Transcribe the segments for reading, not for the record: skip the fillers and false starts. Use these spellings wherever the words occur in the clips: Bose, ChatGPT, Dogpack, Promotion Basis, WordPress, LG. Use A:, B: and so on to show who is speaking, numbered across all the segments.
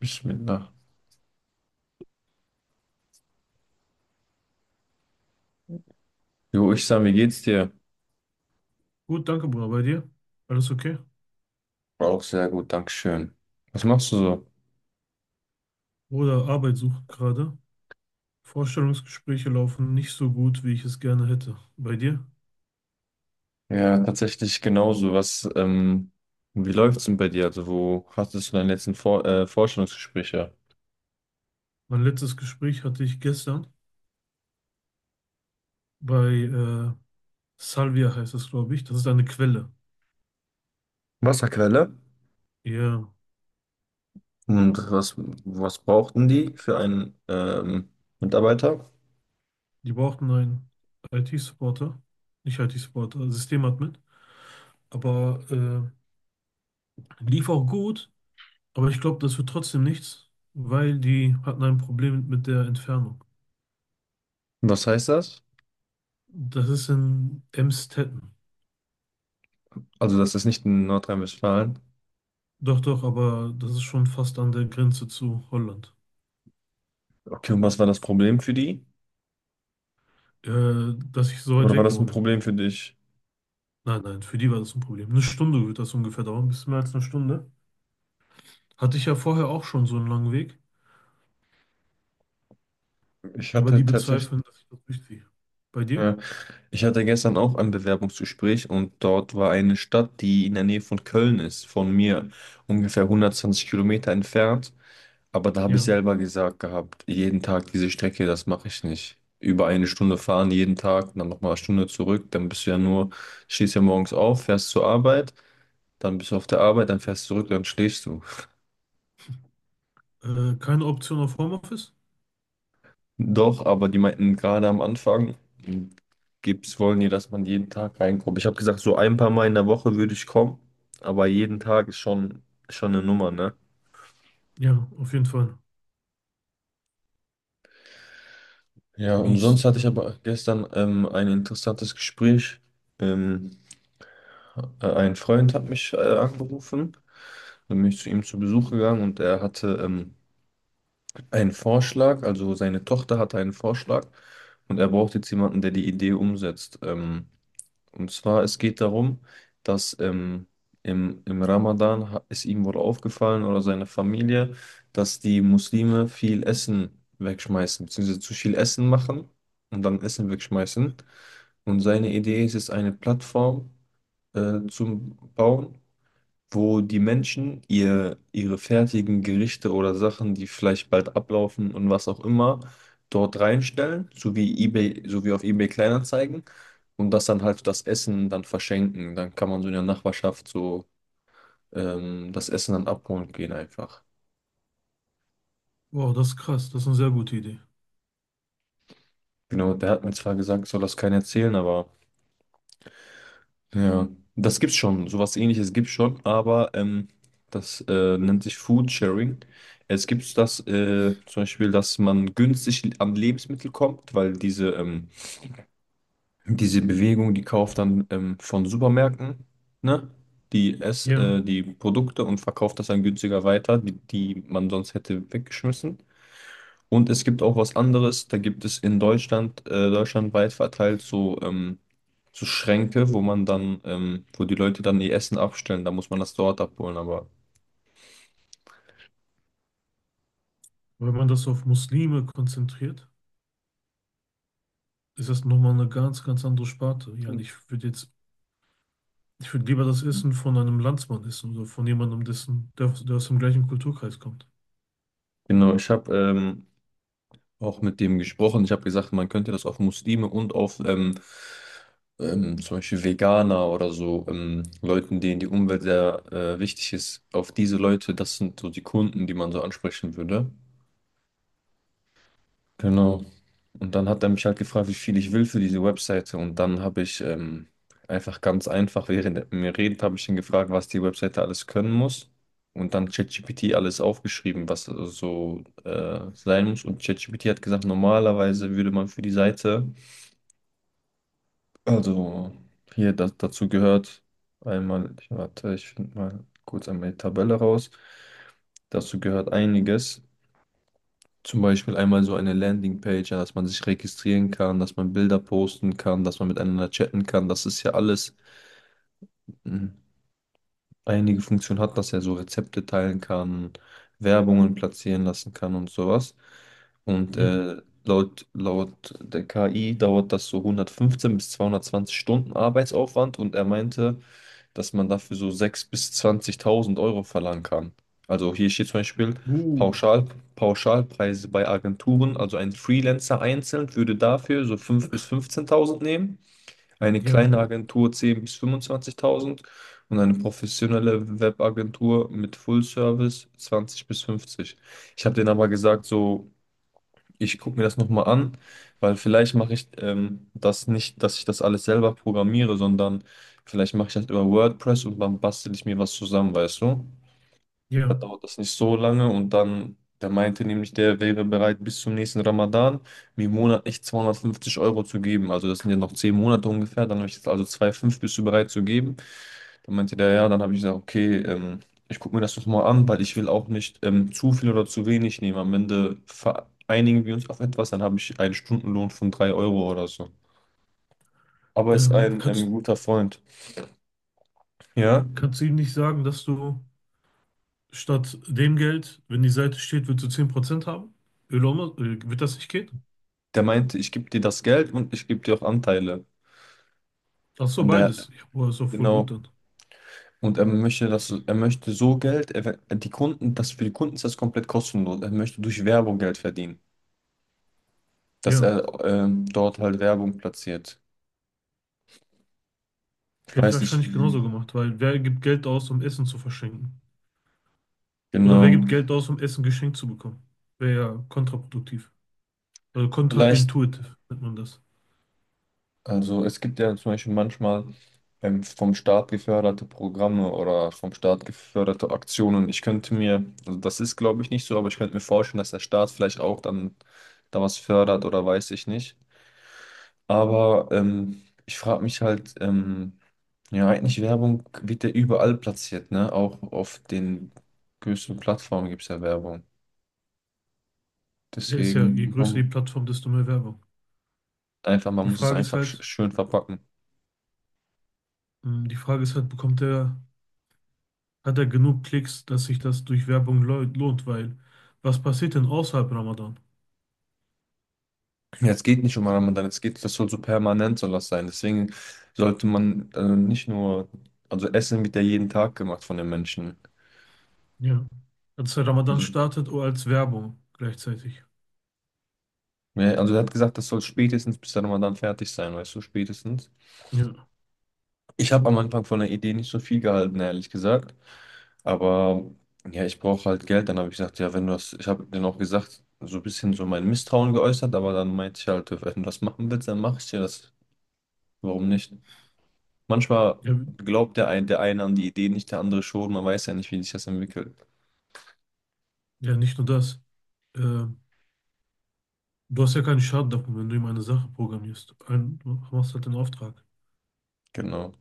A: Bismillah. Jo, ich sag, wie geht's dir?
B: Gut, danke, Bruder. Bei dir? Alles okay?
A: Auch sehr gut, Dankeschön. Was machst du so?
B: Bruder, Arbeit sucht gerade. Vorstellungsgespräche laufen nicht so gut, wie ich es gerne hätte. Bei dir?
A: Ja, tatsächlich genauso. Was, wie läuft's denn bei dir? Also, wo hattest du deine letzten Vorstellungsgespräche?
B: Mein letztes Gespräch hatte ich gestern bei Salvia heißt es, glaube ich. Das ist eine Quelle.
A: Wasserquelle.
B: Ja,
A: Und was brauchten die für einen Mitarbeiter?
B: die brauchten einen IT-Supporter. Nicht IT-Supporter, Systemadmin. Aber lief auch gut. Aber ich glaube, das wird trotzdem nichts, weil die hatten ein Problem mit der Entfernung.
A: Was heißt das?
B: Das ist in Emstetten.
A: Also, das ist nicht in Nordrhein-Westfalen.
B: Doch, doch, aber das ist schon fast an der Grenze zu Holland.
A: Okay, und was war das Problem für die?
B: Dass ich so weit
A: Oder war
B: weg
A: das ein
B: wohne.
A: Problem für dich?
B: Nein, nein, für die war das ein Problem. Eine Stunde wird das ungefähr dauern, ein bisschen mehr als eine Stunde. Hatte ich ja vorher auch schon so einen langen Weg,
A: Ich
B: aber
A: hatte
B: die
A: tatsächlich.
B: bezweifeln, dass ich das durchziehe. Bei dir?
A: Ja. Ich hatte gestern auch ein Bewerbungsgespräch und dort war eine Stadt, die in der Nähe von Köln ist, von mir ungefähr 120 Kilometer entfernt. Aber da habe ich
B: Ja.
A: selber gesagt gehabt, jeden Tag diese Strecke, das mache ich nicht. Über eine Stunde fahren jeden Tag und dann nochmal eine Stunde zurück, dann bist du ja nur, stehst ja morgens auf, fährst zur Arbeit, dann bist du auf der Arbeit, dann fährst du zurück, dann schläfst du.
B: Keine Option auf Homeoffice?
A: Doch, aber die meinten gerade am Anfang, gibt's, wollen die, dass man jeden Tag reinkommt. Ich habe gesagt, so ein paar Mal in der Woche würde ich kommen, aber jeden Tag ist schon eine Nummer, ne?
B: Ja, auf jeden Fall.
A: Ja, und
B: Mies.
A: sonst hatte ich aber gestern ein interessantes Gespräch. Ähm, ein Freund hat mich angerufen, dann bin ich zu ihm zu Besuch gegangen und er hatte einen Vorschlag, also seine Tochter hatte einen Vorschlag und er braucht jetzt jemanden, der die Idee umsetzt. Und zwar, es geht darum, dass im Ramadan ist ihm wohl aufgefallen oder seine Familie, dass die Muslime viel Essen wegschmeißen, beziehungsweise zu viel Essen machen und dann Essen wegschmeißen. Und seine Idee ist es, eine Plattform zu bauen, wo die Menschen ihre fertigen Gerichte oder Sachen, die vielleicht bald ablaufen und was auch immer, dort reinstellen, so wie eBay, so wie auf eBay Kleinanzeigen und das dann halt das Essen dann verschenken. Dann kann man so in der Nachbarschaft so das Essen dann abholen gehen einfach.
B: Wow, das ist krass, das ist eine sehr gute Idee.
A: Genau, der hat mir zwar gesagt, ich soll das keinen erzählen, aber. Ja, das gibt's schon, sowas ähnliches gibt's schon, aber das nennt sich Food Sharing. Es gibt das zum Beispiel, dass man günstig an Lebensmittel kommt, weil diese Bewegung, die kauft dann von Supermärkten, ne? Die ess,
B: Ja,
A: äh, die Produkte und verkauft das dann günstiger weiter, die man sonst hätte weggeschmissen. Und es gibt auch was anderes, da gibt es in Deutschland, deutschlandweit verteilt so, so Schränke, wo die Leute dann ihr Essen abstellen, da muss man das dort abholen. Aber
B: weil man das auf Muslime konzentriert, ist das nochmal eine ganz, ganz andere Sparte. Ja, und ich würde jetzt. Ich würde lieber das Essen von einem Landsmann essen oder von jemandem, der aus dem gleichen Kulturkreis kommt.
A: genau, ich habe auch mit dem gesprochen, ich habe gesagt, man könnte das auf Muslime und auf zum Beispiel Veganer oder so, Leuten, denen die Umwelt sehr wichtig ist, auf diese Leute, das sind so die Kunden, die man so ansprechen würde. Genau. Und dann hat er mich halt gefragt, wie viel ich will für diese Webseite. Und dann habe ich einfach ganz einfach, während er mit mir redet, habe ich ihn gefragt, was die Webseite alles können muss. Und dann ChatGPT alles aufgeschrieben, was so sein muss. Und ChatGPT hat gesagt, normalerweise würde man für die Seite, also hier das, dazu gehört, einmal, ich, warte, ich finde mal kurz einmal die Tabelle raus. Dazu gehört einiges. Zum Beispiel einmal so eine Landingpage, ja, dass man sich registrieren kann, dass man Bilder posten kann, dass man miteinander chatten kann. Das ist ja alles, mh, einige Funktionen hat, dass er so Rezepte teilen kann, Werbungen platzieren lassen kann und sowas. Und
B: Ja.
A: laut der KI dauert das so 115 bis 220 Stunden Arbeitsaufwand. Und er meinte, dass man dafür so 6.000 bis 20.000 Euro verlangen kann. Also hier steht zum Beispiel
B: Uh,
A: Pauschal, Pauschalpreise bei Agenturen, also ein Freelancer einzeln würde dafür so 5.000 bis 15.000 nehmen, eine
B: ja,
A: kleine Agentur 10.000 bis 25.000 und eine professionelle Webagentur mit Full Service 20 bis 50. Ich habe denen aber gesagt, so ich gucke mir das nochmal an, weil vielleicht mache ich das nicht, dass ich das alles selber programmiere, sondern vielleicht mache ich das über WordPress und dann bastel ich mir was zusammen, weißt du? Da
B: ja.
A: dauert das nicht so lange und dann, der meinte nämlich, der wäre bereit, bis zum nächsten Ramadan mir monatlich 250 Euro zu geben. Also das sind ja noch 10 Monate ungefähr, dann habe ich jetzt also 2,5 bist du bereit zu geben. Dann meinte der, ja, dann habe ich gesagt, okay, ich gucke mir das doch mal an, weil ich will auch nicht zu viel oder zu wenig nehmen. Am Ende vereinigen wir uns auf etwas, dann habe ich einen Stundenlohn von 3 Euro oder so. Aber ist
B: Ähm,
A: ein
B: kannst,
A: guter Freund, ja,
B: Kannst du ihm nicht sagen, dass du statt dem Geld, wenn die Seite steht, würdest du 10% haben? Öloma, wird das nicht gehen?
A: der meinte, ich gebe dir das Geld und ich gebe dir auch Anteile
B: Ach so,
A: an der,
B: beides. Ja, boah, ist doch voll gut
A: genau.
B: dann.
A: Und er möchte das, er möchte so Geld, er, die Kunden, das für die Kunden ist das komplett kostenlos. Er möchte durch Werbung Geld verdienen, dass
B: Ja,
A: er dort halt Werbung platziert. Ich
B: hätte ich
A: weiß nicht,
B: wahrscheinlich
A: wie,
B: genauso gemacht, weil wer gibt Geld aus, um Essen zu verschenken? Oder wer gibt
A: genau.
B: Geld aus, um Essen geschenkt zu bekommen? Wäre ja kontraproduktiv. Also
A: Vielleicht,
B: kontraintuitiv nennt man das.
A: also es gibt ja zum Beispiel manchmal vom Staat geförderte Programme oder vom Staat geförderte Aktionen. Ich könnte mir, also das ist glaube ich nicht so, aber ich könnte mir vorstellen, dass der Staat vielleicht auch dann da was fördert oder weiß ich nicht. Aber ich frage mich halt, ja, eigentlich Werbung wird ja überall platziert, ne? Auch auf den größten Plattformen gibt es ja Werbung.
B: Ja, ist ja, je
A: Deswegen,
B: größer die Plattform, desto mehr Werbung.
A: einfach,
B: Die
A: man muss es
B: Frage ist
A: einfach
B: halt,
A: schön verpacken.
B: mh, die Frage ist halt: hat er genug Klicks, dass sich das durch Werbung lo- lohnt? Weil, was passiert denn außerhalb Ramadan?
A: Ja, es geht nicht um Ramadan, es geht, das soll so permanent soll das sein. Deswegen sollte man also nicht nur, also Essen wird ja jeden Tag gemacht von den Menschen.
B: Ja. Als der Ramadan
A: Also,
B: startet oder als Werbung gleichzeitig.
A: ja, also er hat gesagt, das soll spätestens bis der Ramadan fertig sein, weißt du, spätestens.
B: Ja.
A: Ich habe am Anfang von der Idee nicht so viel gehalten, ehrlich gesagt. Aber ja, ich brauche halt Geld. Dann habe ich gesagt, ja, wenn du das, ich habe dann auch gesagt, so ein bisschen so mein Misstrauen geäußert, aber dann meinte ich halt, wenn du das machen willst, dann mache ich dir das. Warum nicht? Manchmal
B: Ja,
A: glaubt der eine an die Idee nicht, der andere schon. Man weiß ja nicht, wie sich das entwickelt.
B: ja, nicht nur das. Äh, Du hast ja keinen Schaden davon, wenn du ihm eine Sache programmierst. Ein, du machst halt den Auftrag.
A: Genau.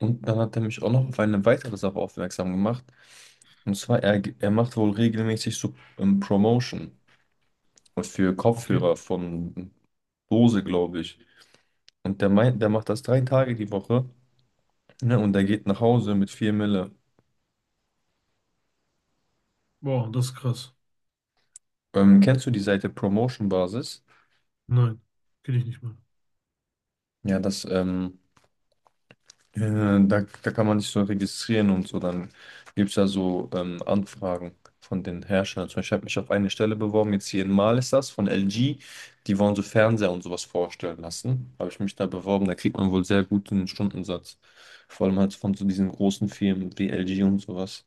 A: Und dann hat er mich auch noch auf eine weitere Sache aufmerksam gemacht. Und zwar, er macht wohl regelmäßig so Promotion für
B: Okay.
A: Kopfhörer von Bose, glaube ich. Und der meint, der macht das 3 Tage die Woche, ne? Und der geht nach Hause mit 4 Mille.
B: Boah, das ist krass.
A: Kennst du die Seite Promotion Basis?
B: Nein, kenne ich nicht mal.
A: Ja, das Äh, da kann man sich so registrieren und so. Dann gibt es ja so Anfragen von den Herstellern. Zum Beispiel, ich habe mich auf eine Stelle beworben, jetzt hier in Mal ist das, von LG. Die wollen so Fernseher und sowas vorstellen lassen. Habe ich mich da beworben, da kriegt man wohl sehr guten Stundensatz. Vor allem halt von so diesen großen Firmen wie LG und sowas.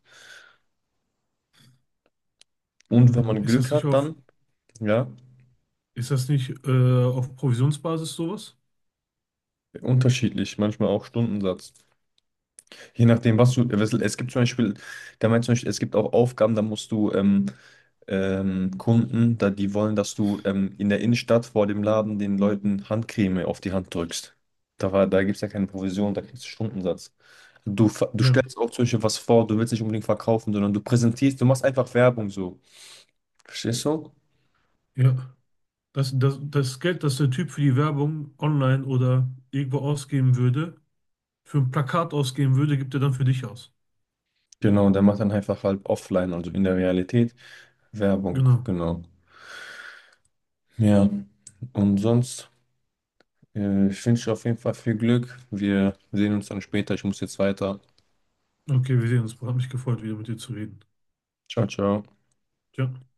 A: Und wenn
B: Mhm.
A: man Glück hat, dann, ja,
B: Ist das nicht auf Provisionsbasis sowas?
A: unterschiedlich, manchmal auch Stundensatz. Je nachdem, was du, es gibt zum Beispiel, der meint zum Beispiel, es gibt auch Aufgaben, da musst du Kunden, da die wollen, dass du in der Innenstadt vor dem Laden den Leuten Handcreme auf die Hand drückst. Da war, da gibt es ja keine Provision, da kriegst du Stundensatz. Du, du
B: Ja,
A: stellst auch zum Beispiel was vor, du willst nicht unbedingt verkaufen, sondern du präsentierst, du machst einfach Werbung so. Verstehst du?
B: ja. Das Geld, das der Typ für die Werbung online oder irgendwo ausgeben würde, für ein Plakat ausgeben würde, gibt er dann für dich aus.
A: Genau, und der macht dann einfach halt offline, also in der Realität Werbung,
B: Genau.
A: genau. Ja, und sonst, ich wünsche dir auf jeden Fall viel Glück. Wir sehen uns dann später. Ich muss jetzt weiter.
B: Okay, wir sehen uns. Hat mich gefreut, wieder mit dir zu reden.
A: Ciao, ciao.
B: Ciao.